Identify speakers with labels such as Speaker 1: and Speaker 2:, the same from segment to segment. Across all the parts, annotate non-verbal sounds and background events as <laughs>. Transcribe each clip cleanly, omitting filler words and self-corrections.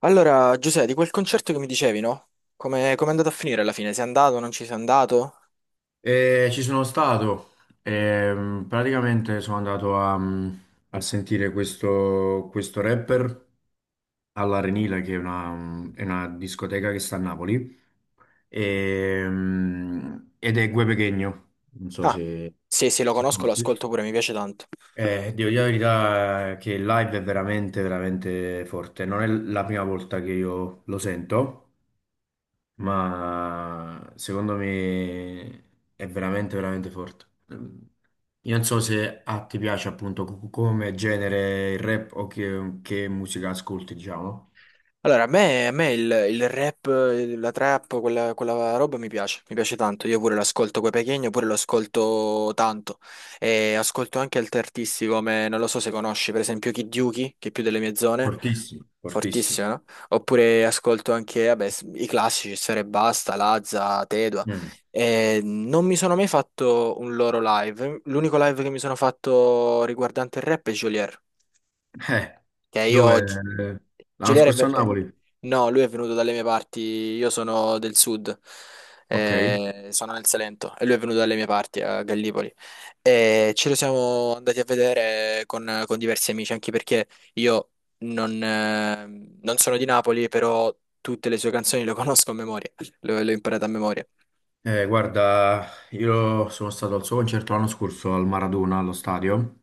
Speaker 1: Allora, Giuseppe, di quel concerto che mi dicevi, no? Come è andato a finire alla fine? Sei andato, non ci sei andato?
Speaker 2: E ci sono stato, praticamente sono andato a sentire questo rapper all'Arenile, che è è una discoteca che sta a Napoli, ed è Gue Pequeno, non so
Speaker 1: Ah, sì, sì, lo
Speaker 2: se
Speaker 1: conosco, lo
Speaker 2: conosci.
Speaker 1: ascolto pure, mi piace tanto.
Speaker 2: Devo dire la verità che il live è veramente forte. Non è la prima volta che io lo sento, ma secondo me è veramente forte. Mm, Io non so se a te piace appunto come genere il rap che musica ascolti, diciamo.
Speaker 1: Allora, a me il rap, la trap, quella roba mi piace tanto. Io pure l'ascolto coi pechegno, pure lo ascolto tanto. E ascolto anche altri artisti come, non lo so se conosci, per esempio Kid Yuki, che è più delle mie zone,
Speaker 2: Fortissimo, fortissimo.
Speaker 1: fortissimo, no? Oppure ascolto anche, vabbè, i classici, Sfera e Basta, Lazza, Tedua.
Speaker 2: Mm.
Speaker 1: E non mi sono mai fatto un loro live. L'unico live che mi sono fatto riguardante il rap è Geolier.
Speaker 2: Eh,
Speaker 1: Che io...
Speaker 2: dove? L'anno
Speaker 1: Giuliano è...
Speaker 2: scorso a Napoli?
Speaker 1: No, lui è venuto dalle mie parti, io sono del sud,
Speaker 2: Ok.
Speaker 1: sono nel Salento e lui è venuto dalle mie parti a Gallipoli. E ce lo siamo andati a vedere con diversi amici, anche perché io non, eh, non sono di Napoli, però tutte le sue canzoni le conosco a memoria, le ho imparate a memoria.
Speaker 2: Guarda, io sono stato al suo concerto l'anno scorso al Maradona, allo stadio.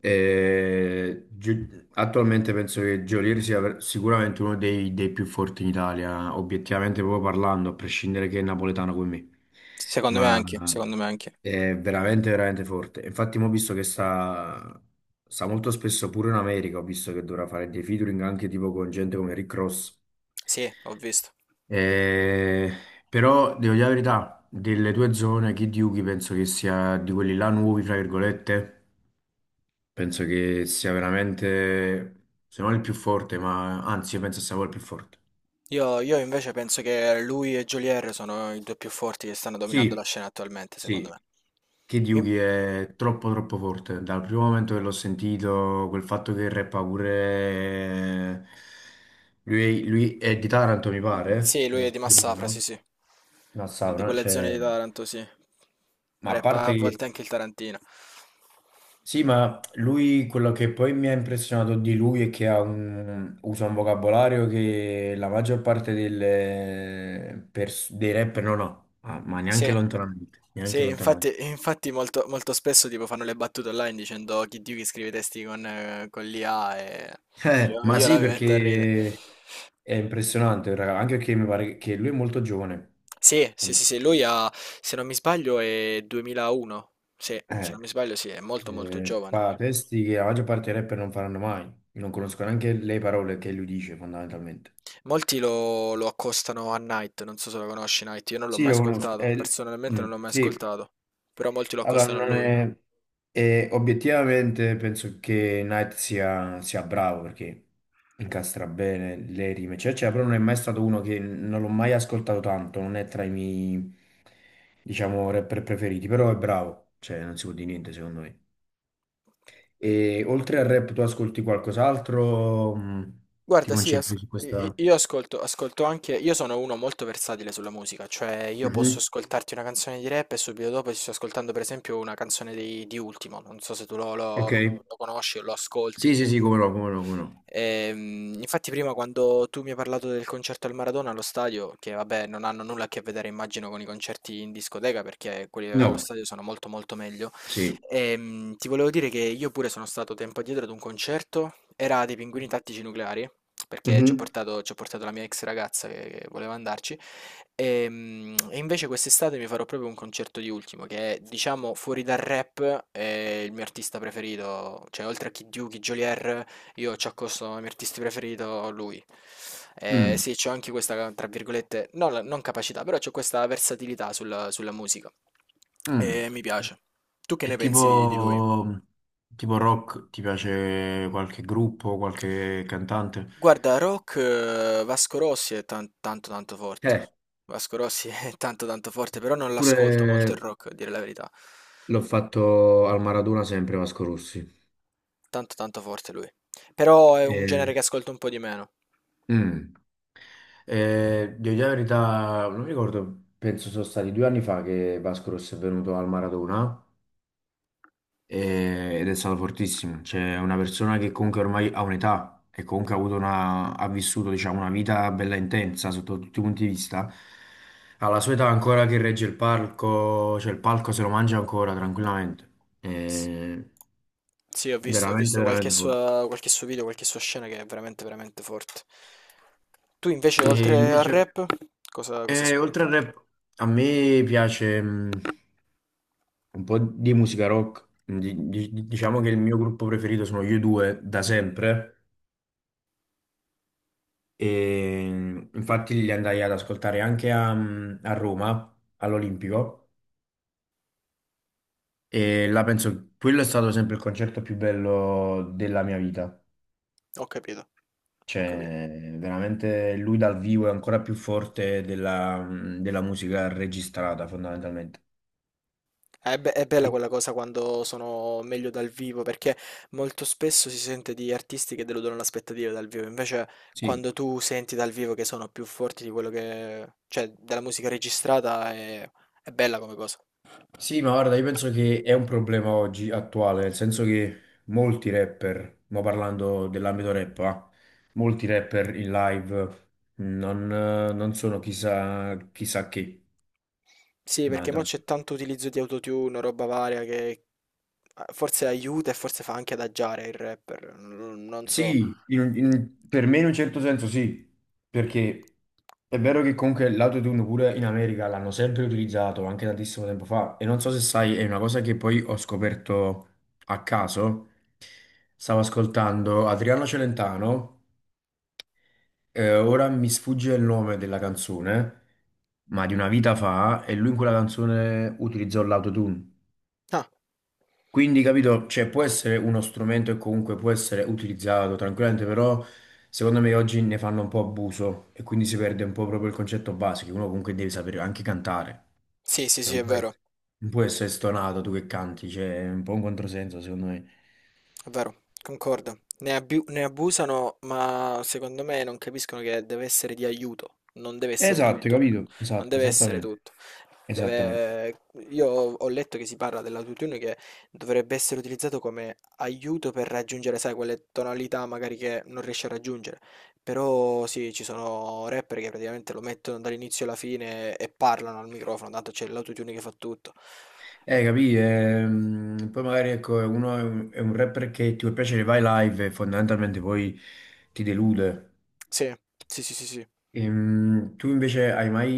Speaker 2: E attualmente penso che Geolier sia sicuramente uno dei più forti in Italia, obiettivamente proprio parlando, a prescindere che è napoletano come me,
Speaker 1: Secondo me
Speaker 2: ma
Speaker 1: anche, secondo me anche.
Speaker 2: è veramente forte. Infatti, mo ho visto che sta molto spesso pure in America, ho visto che dovrà fare dei featuring anche tipo con gente come Rick Ross.
Speaker 1: Sì, ho visto.
Speaker 2: Eh, Però devo dire la verità, delle due zone, Kid Yugi penso che sia di quelli là nuovi, fra virgolette. Penso che sia veramente, se non il più forte, ma anzi, io penso sia quello il più forte.
Speaker 1: Io invece penso che lui e Jolier sono i due più forti che stanno dominando la
Speaker 2: Sì,
Speaker 1: scena attualmente, secondo
Speaker 2: sì,
Speaker 1: me.
Speaker 2: Kid
Speaker 1: Mi-
Speaker 2: Yugi è troppo forte. Dal primo momento che l'ho sentito, quel fatto che rappa pure... Lui è di Taranto, mi pare,
Speaker 1: Sì,
Speaker 2: se
Speaker 1: lui
Speaker 2: non
Speaker 1: è di
Speaker 2: sbaglio,
Speaker 1: Massafra, sì,
Speaker 2: no?
Speaker 1: sì.
Speaker 2: No,
Speaker 1: Di
Speaker 2: Savona,
Speaker 1: quelle zone
Speaker 2: cioè...
Speaker 1: di Taranto, sì.
Speaker 2: Ma a
Speaker 1: Rappa
Speaker 2: parte
Speaker 1: a volte anche il Tarantino.
Speaker 2: sì, ma lui, quello che poi mi ha impressionato di lui è che ha usa un vocabolario che la maggior parte dei rapper non ha. Ah, ma neanche
Speaker 1: Sì.
Speaker 2: lontanamente, neanche
Speaker 1: Sì,
Speaker 2: lontanamente.
Speaker 1: infatti, infatti molto, molto spesso tipo fanno le battute online dicendo chi Dio che scrive i testi con l'IA e io,
Speaker 2: Ma
Speaker 1: io la
Speaker 2: sì,
Speaker 1: mi metto a ridere.
Speaker 2: perché è impressionante, raga, anche perché mi pare che lui è molto giovane.
Speaker 1: Sì, sì, sì, sì, lui ha, se non mi sbaglio, è 2001. Sì, se non
Speaker 2: Eh,
Speaker 1: mi sbaglio, sì, è molto, molto giovane.
Speaker 2: Fa testi che la maggior parte dei rapper non faranno mai, non
Speaker 1: Mm.
Speaker 2: conosco neanche le parole che lui dice fondamentalmente.
Speaker 1: Molti lo accostano a Night, non so se lo conosci Night, io non l'ho
Speaker 2: Sì,
Speaker 1: mai
Speaker 2: lo conosco.
Speaker 1: ascoltato, personalmente non l'ho mai
Speaker 2: Sì.
Speaker 1: ascoltato, però molti lo
Speaker 2: Allora,
Speaker 1: accostano a
Speaker 2: non
Speaker 1: lui.
Speaker 2: è... e obiettivamente penso che Knight sia bravo perché incastra bene le rime, cioè, però non è mai stato uno, che non l'ho mai ascoltato tanto, non è tra i miei, diciamo, rapper preferiti, però è bravo, cioè non si può dire niente secondo me. E oltre al rap tu ascolti qualcos'altro? Mh, ti
Speaker 1: Guarda, sì,
Speaker 2: concentri su questa...
Speaker 1: io ascolto, ascolto anche, io sono uno molto versatile sulla musica, cioè io posso
Speaker 2: Mhm,
Speaker 1: ascoltarti una canzone di rap e subito dopo ti sto ascoltando per esempio una canzone di Ultimo, non so se tu lo,
Speaker 2: ok.
Speaker 1: lo conosci o lo ascolti.
Speaker 2: Sì, sì, sì, come no, come no, come no.
Speaker 1: Infatti prima quando tu mi hai parlato del concerto al Maradona allo stadio, che vabbè non hanno nulla a che vedere immagino con i concerti in discoteca perché quelli allo
Speaker 2: No,
Speaker 1: stadio sono molto molto meglio,
Speaker 2: sì.
Speaker 1: ti volevo dire che io pure sono stato tempo addietro ad un concerto, era dei Pinguini Tattici Nucleari, perché
Speaker 2: Mhm,
Speaker 1: ci ho portato la mia ex ragazza che voleva andarci, e invece quest'estate mi farò proprio un concerto di Ultimo, che è diciamo fuori dal rap, è il mio artista preferito, cioè oltre a Kid Yugi, Geolier... Io ci accosto come mio artista preferito lui.
Speaker 2: mm,
Speaker 1: Sì, c'ho anche questa, tra virgolette, non, non capacità, però c'ho questa versatilità sulla, sulla musica.
Speaker 2: mm.
Speaker 1: E mi piace. Tu che
Speaker 2: E
Speaker 1: ne
Speaker 2: tipo,
Speaker 1: pensi di lui?
Speaker 2: tipo rock, ti piace qualche gruppo, qualche cantante?
Speaker 1: Guarda, rock, Vasco Rossi è tanto tanto forte.
Speaker 2: Eh,
Speaker 1: Vasco Rossi <laughs> è tanto tanto forte, però non l'ascolto molto il
Speaker 2: pure
Speaker 1: rock, a dire la verità.
Speaker 2: l'ho fatto al Maradona sempre Vasco Rossi.
Speaker 1: Tanto tanto forte lui. Però è un genere
Speaker 2: Eh,
Speaker 1: che ascolto un po' di meno.
Speaker 2: mm. Devo dire la verità, non mi ricordo, penso sono stati due anni fa che Vasco Rossi è venuto al Maradona, ed è stato fortissimo. Cioè, una persona che comunque ormai ha un'età e comunque ha avuto ha vissuto, diciamo, una vita bella intensa sotto tutti i punti di vista. Alla sua età ancora che regge il palco, cioè il palco se lo mangia ancora tranquillamente. È
Speaker 1: S- Sì, ho
Speaker 2: veramente,
Speaker 1: visto qualche
Speaker 2: veramente forte.
Speaker 1: sua, qualche suo video, qualche sua scena che è veramente, veramente forte. Tu invece,
Speaker 2: E
Speaker 1: oltre al
Speaker 2: invece,
Speaker 1: rap, cosa, cosa
Speaker 2: oltre
Speaker 1: ascolti
Speaker 2: al
Speaker 1: oltre?
Speaker 2: rap, a me piace un po' di musica rock. Diciamo che il mio gruppo preferito sono gli U2 da sempre. E infatti li andai ad ascoltare anche a Roma, all'Olimpico, e là penso quello è stato sempre il concerto più bello della mia vita.
Speaker 1: Ho capito, ho capito.
Speaker 2: Cioè, veramente lui dal vivo è ancora più forte della musica registrata, fondamentalmente.
Speaker 1: È, è bella
Speaker 2: Sì,
Speaker 1: quella cosa quando sono meglio dal vivo, perché molto spesso si sente di artisti che deludono l'aspettativa dal vivo, invece
Speaker 2: sì.
Speaker 1: quando tu senti dal vivo che sono più forti di quello che... cioè della musica registrata è bella come cosa.
Speaker 2: Sì, ma guarda, io penso che è un problema oggi attuale, nel senso che molti rapper, ma parlando dell'ambito rap, ah, molti rapper in live non, non sono chissà che.
Speaker 1: Sì, perché mo
Speaker 2: Fondamentalmente.
Speaker 1: c'è tanto utilizzo di autotune, roba varia che forse aiuta e forse fa anche adagiare il rapper, non non so.
Speaker 2: Sì, per me in un certo senso sì, perché è vero che comunque l'autotune pure in America l'hanno sempre utilizzato, anche tantissimo tempo fa, e non so se sai, è una cosa che poi ho scoperto a caso, stavo ascoltando Adriano Celentano. Ora mi sfugge il nome della canzone, ma di una vita fa, e lui in quella canzone utilizzò l'autotune.
Speaker 1: Ah,
Speaker 2: Quindi, capito, cioè, può essere uno strumento e comunque può essere utilizzato tranquillamente, però secondo me oggi ne fanno un po' abuso e quindi si perde un po' proprio il concetto basico, che uno comunque deve sapere anche cantare.
Speaker 1: sì, sì,
Speaker 2: Cioè,
Speaker 1: sì, è
Speaker 2: non può
Speaker 1: vero.
Speaker 2: essere, non può essere stonato tu che canti, cioè, è un po' un controsenso, secondo me.
Speaker 1: È vero, concordo. Ne abusano, ma secondo me non capiscono che deve essere di aiuto, non deve essere
Speaker 2: Esatto, hai
Speaker 1: tutto.
Speaker 2: capito?
Speaker 1: Non
Speaker 2: Esatto,
Speaker 1: deve essere
Speaker 2: esattamente.
Speaker 1: tutto.
Speaker 2: Esattamente.
Speaker 1: Deve- Io ho letto che si parla dell'autotune che dovrebbe essere utilizzato come aiuto per raggiungere, sai, quelle tonalità magari che non riesci a raggiungere. Però sì, ci sono rapper che praticamente lo mettono dall'inizio alla fine e parlano al microfono, tanto c'è l'autotune che fa tutto. Eh,
Speaker 2: Capì? Poi magari ecco, uno è è un rapper che ti può piacere, vai live e fondamentalmente poi ti delude.
Speaker 1: Sì, sì, sì, sì, sì.
Speaker 2: Tu invece hai mai,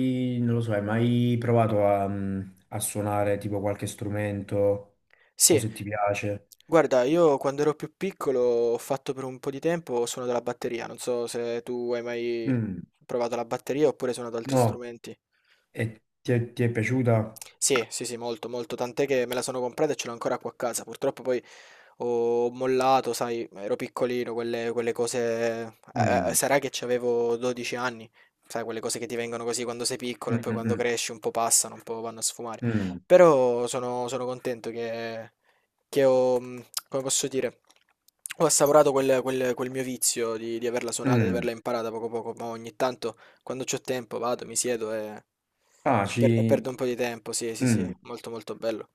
Speaker 2: non lo so, hai mai provato a suonare tipo qualche strumento o
Speaker 1: Sì,
Speaker 2: se ti piace?
Speaker 1: guarda, io quando ero più piccolo ho fatto per un po' di tempo suono della batteria, non so se tu hai mai
Speaker 2: Mm,
Speaker 1: provato la batteria oppure suonato altri
Speaker 2: no,
Speaker 1: strumenti.
Speaker 2: e ti ti è piaciuta?
Speaker 1: Sì, sì, sì, molto, molto, tant'è che me la sono comprata e ce l'ho ancora qua a casa. Purtroppo poi ho mollato, sai, ero piccolino, quelle cose...
Speaker 2: Mm,
Speaker 1: sarà che avevo 12 anni, sai, quelle cose che ti vengono così quando sei piccolo
Speaker 2: mm,
Speaker 1: e poi quando
Speaker 2: mm,
Speaker 1: cresci un po' passano, un po' vanno a sfumare.
Speaker 2: mm, mm,
Speaker 1: Però sono, sono contento che ho, come posso dire, ho assaporato quel, quel mio vizio di averla suonata, di
Speaker 2: mm.
Speaker 1: averla imparata poco poco, ma ogni tanto quando c'ho tempo vado, mi siedo e,
Speaker 2: Ah,
Speaker 1: e perdo
Speaker 2: ci...
Speaker 1: un po' di tempo, sì, sì, sì,
Speaker 2: mm.
Speaker 1: molto molto bello.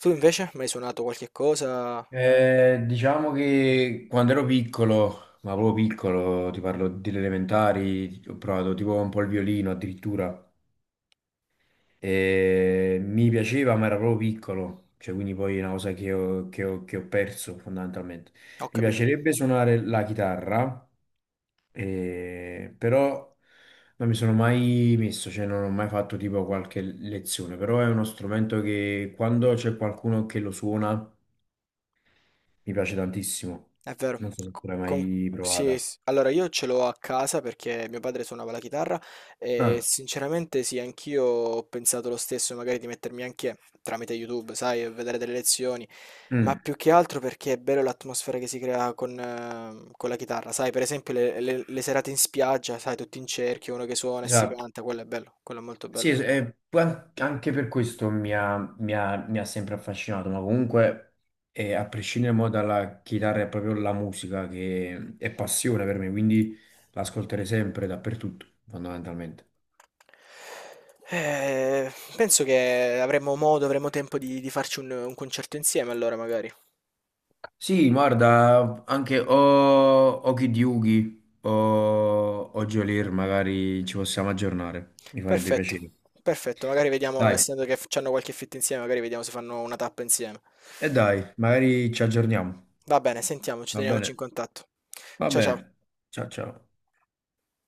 Speaker 1: Tu invece, mi hai suonato qualche cosa?
Speaker 2: Diciamo che quando ero piccolo, ma proprio piccolo, ti parlo delle elementari, ho provato tipo un po' il violino addirittura. E mi piaceva, ma era proprio piccolo, cioè quindi poi è una cosa che che ho perso fondamentalmente.
Speaker 1: Ho
Speaker 2: Mi
Speaker 1: capito,
Speaker 2: piacerebbe suonare la chitarra, però non mi sono mai messo, cioè non ho mai fatto tipo qualche lezione, però è uno strumento che quando c'è qualcuno che lo suona mi piace tantissimo.
Speaker 1: è vero.
Speaker 2: Non so se
Speaker 1: Co-
Speaker 2: tu l'hai
Speaker 1: con-
Speaker 2: mai
Speaker 1: sì,
Speaker 2: provata.
Speaker 1: allora io ce l'ho a casa perché mio padre suonava la chitarra e
Speaker 2: Ah,
Speaker 1: sinceramente sì, anch'io ho pensato lo stesso, magari di mettermi anche tramite YouTube, sai, a vedere delle lezioni, ma
Speaker 2: mm,
Speaker 1: più che altro perché è bello l'atmosfera che si crea con la chitarra, sai, per esempio le, le serate in spiaggia, sai, tutti in cerchio, uno che suona e si
Speaker 2: esatto.
Speaker 1: canta, quello è bello, quello è molto
Speaker 2: Sì,
Speaker 1: bello.
Speaker 2: poi anche per questo mi ha sempre affascinato, ma comunque a prescindere mo dalla chitarra è proprio la musica che è passione per me, quindi l'ascolterei sempre dappertutto, fondamentalmente.
Speaker 1: Penso che avremo modo, avremo tempo di farci un concerto insieme allora magari.
Speaker 2: Sì, guarda, anche o Kid Yugi o Geolier, magari ci possiamo aggiornare, mi farebbe
Speaker 1: Perfetto,
Speaker 2: piacere.
Speaker 1: perfetto. Magari vediamo,
Speaker 2: Dai.
Speaker 1: essendo che hanno qualche fit insieme, magari vediamo se fanno una tappa insieme.
Speaker 2: E dai, magari ci aggiorniamo.
Speaker 1: Va bene, sentiamoci,
Speaker 2: Va bene,
Speaker 1: teniamoci in contatto.
Speaker 2: va
Speaker 1: Ciao ciao.
Speaker 2: bene. Ciao ciao.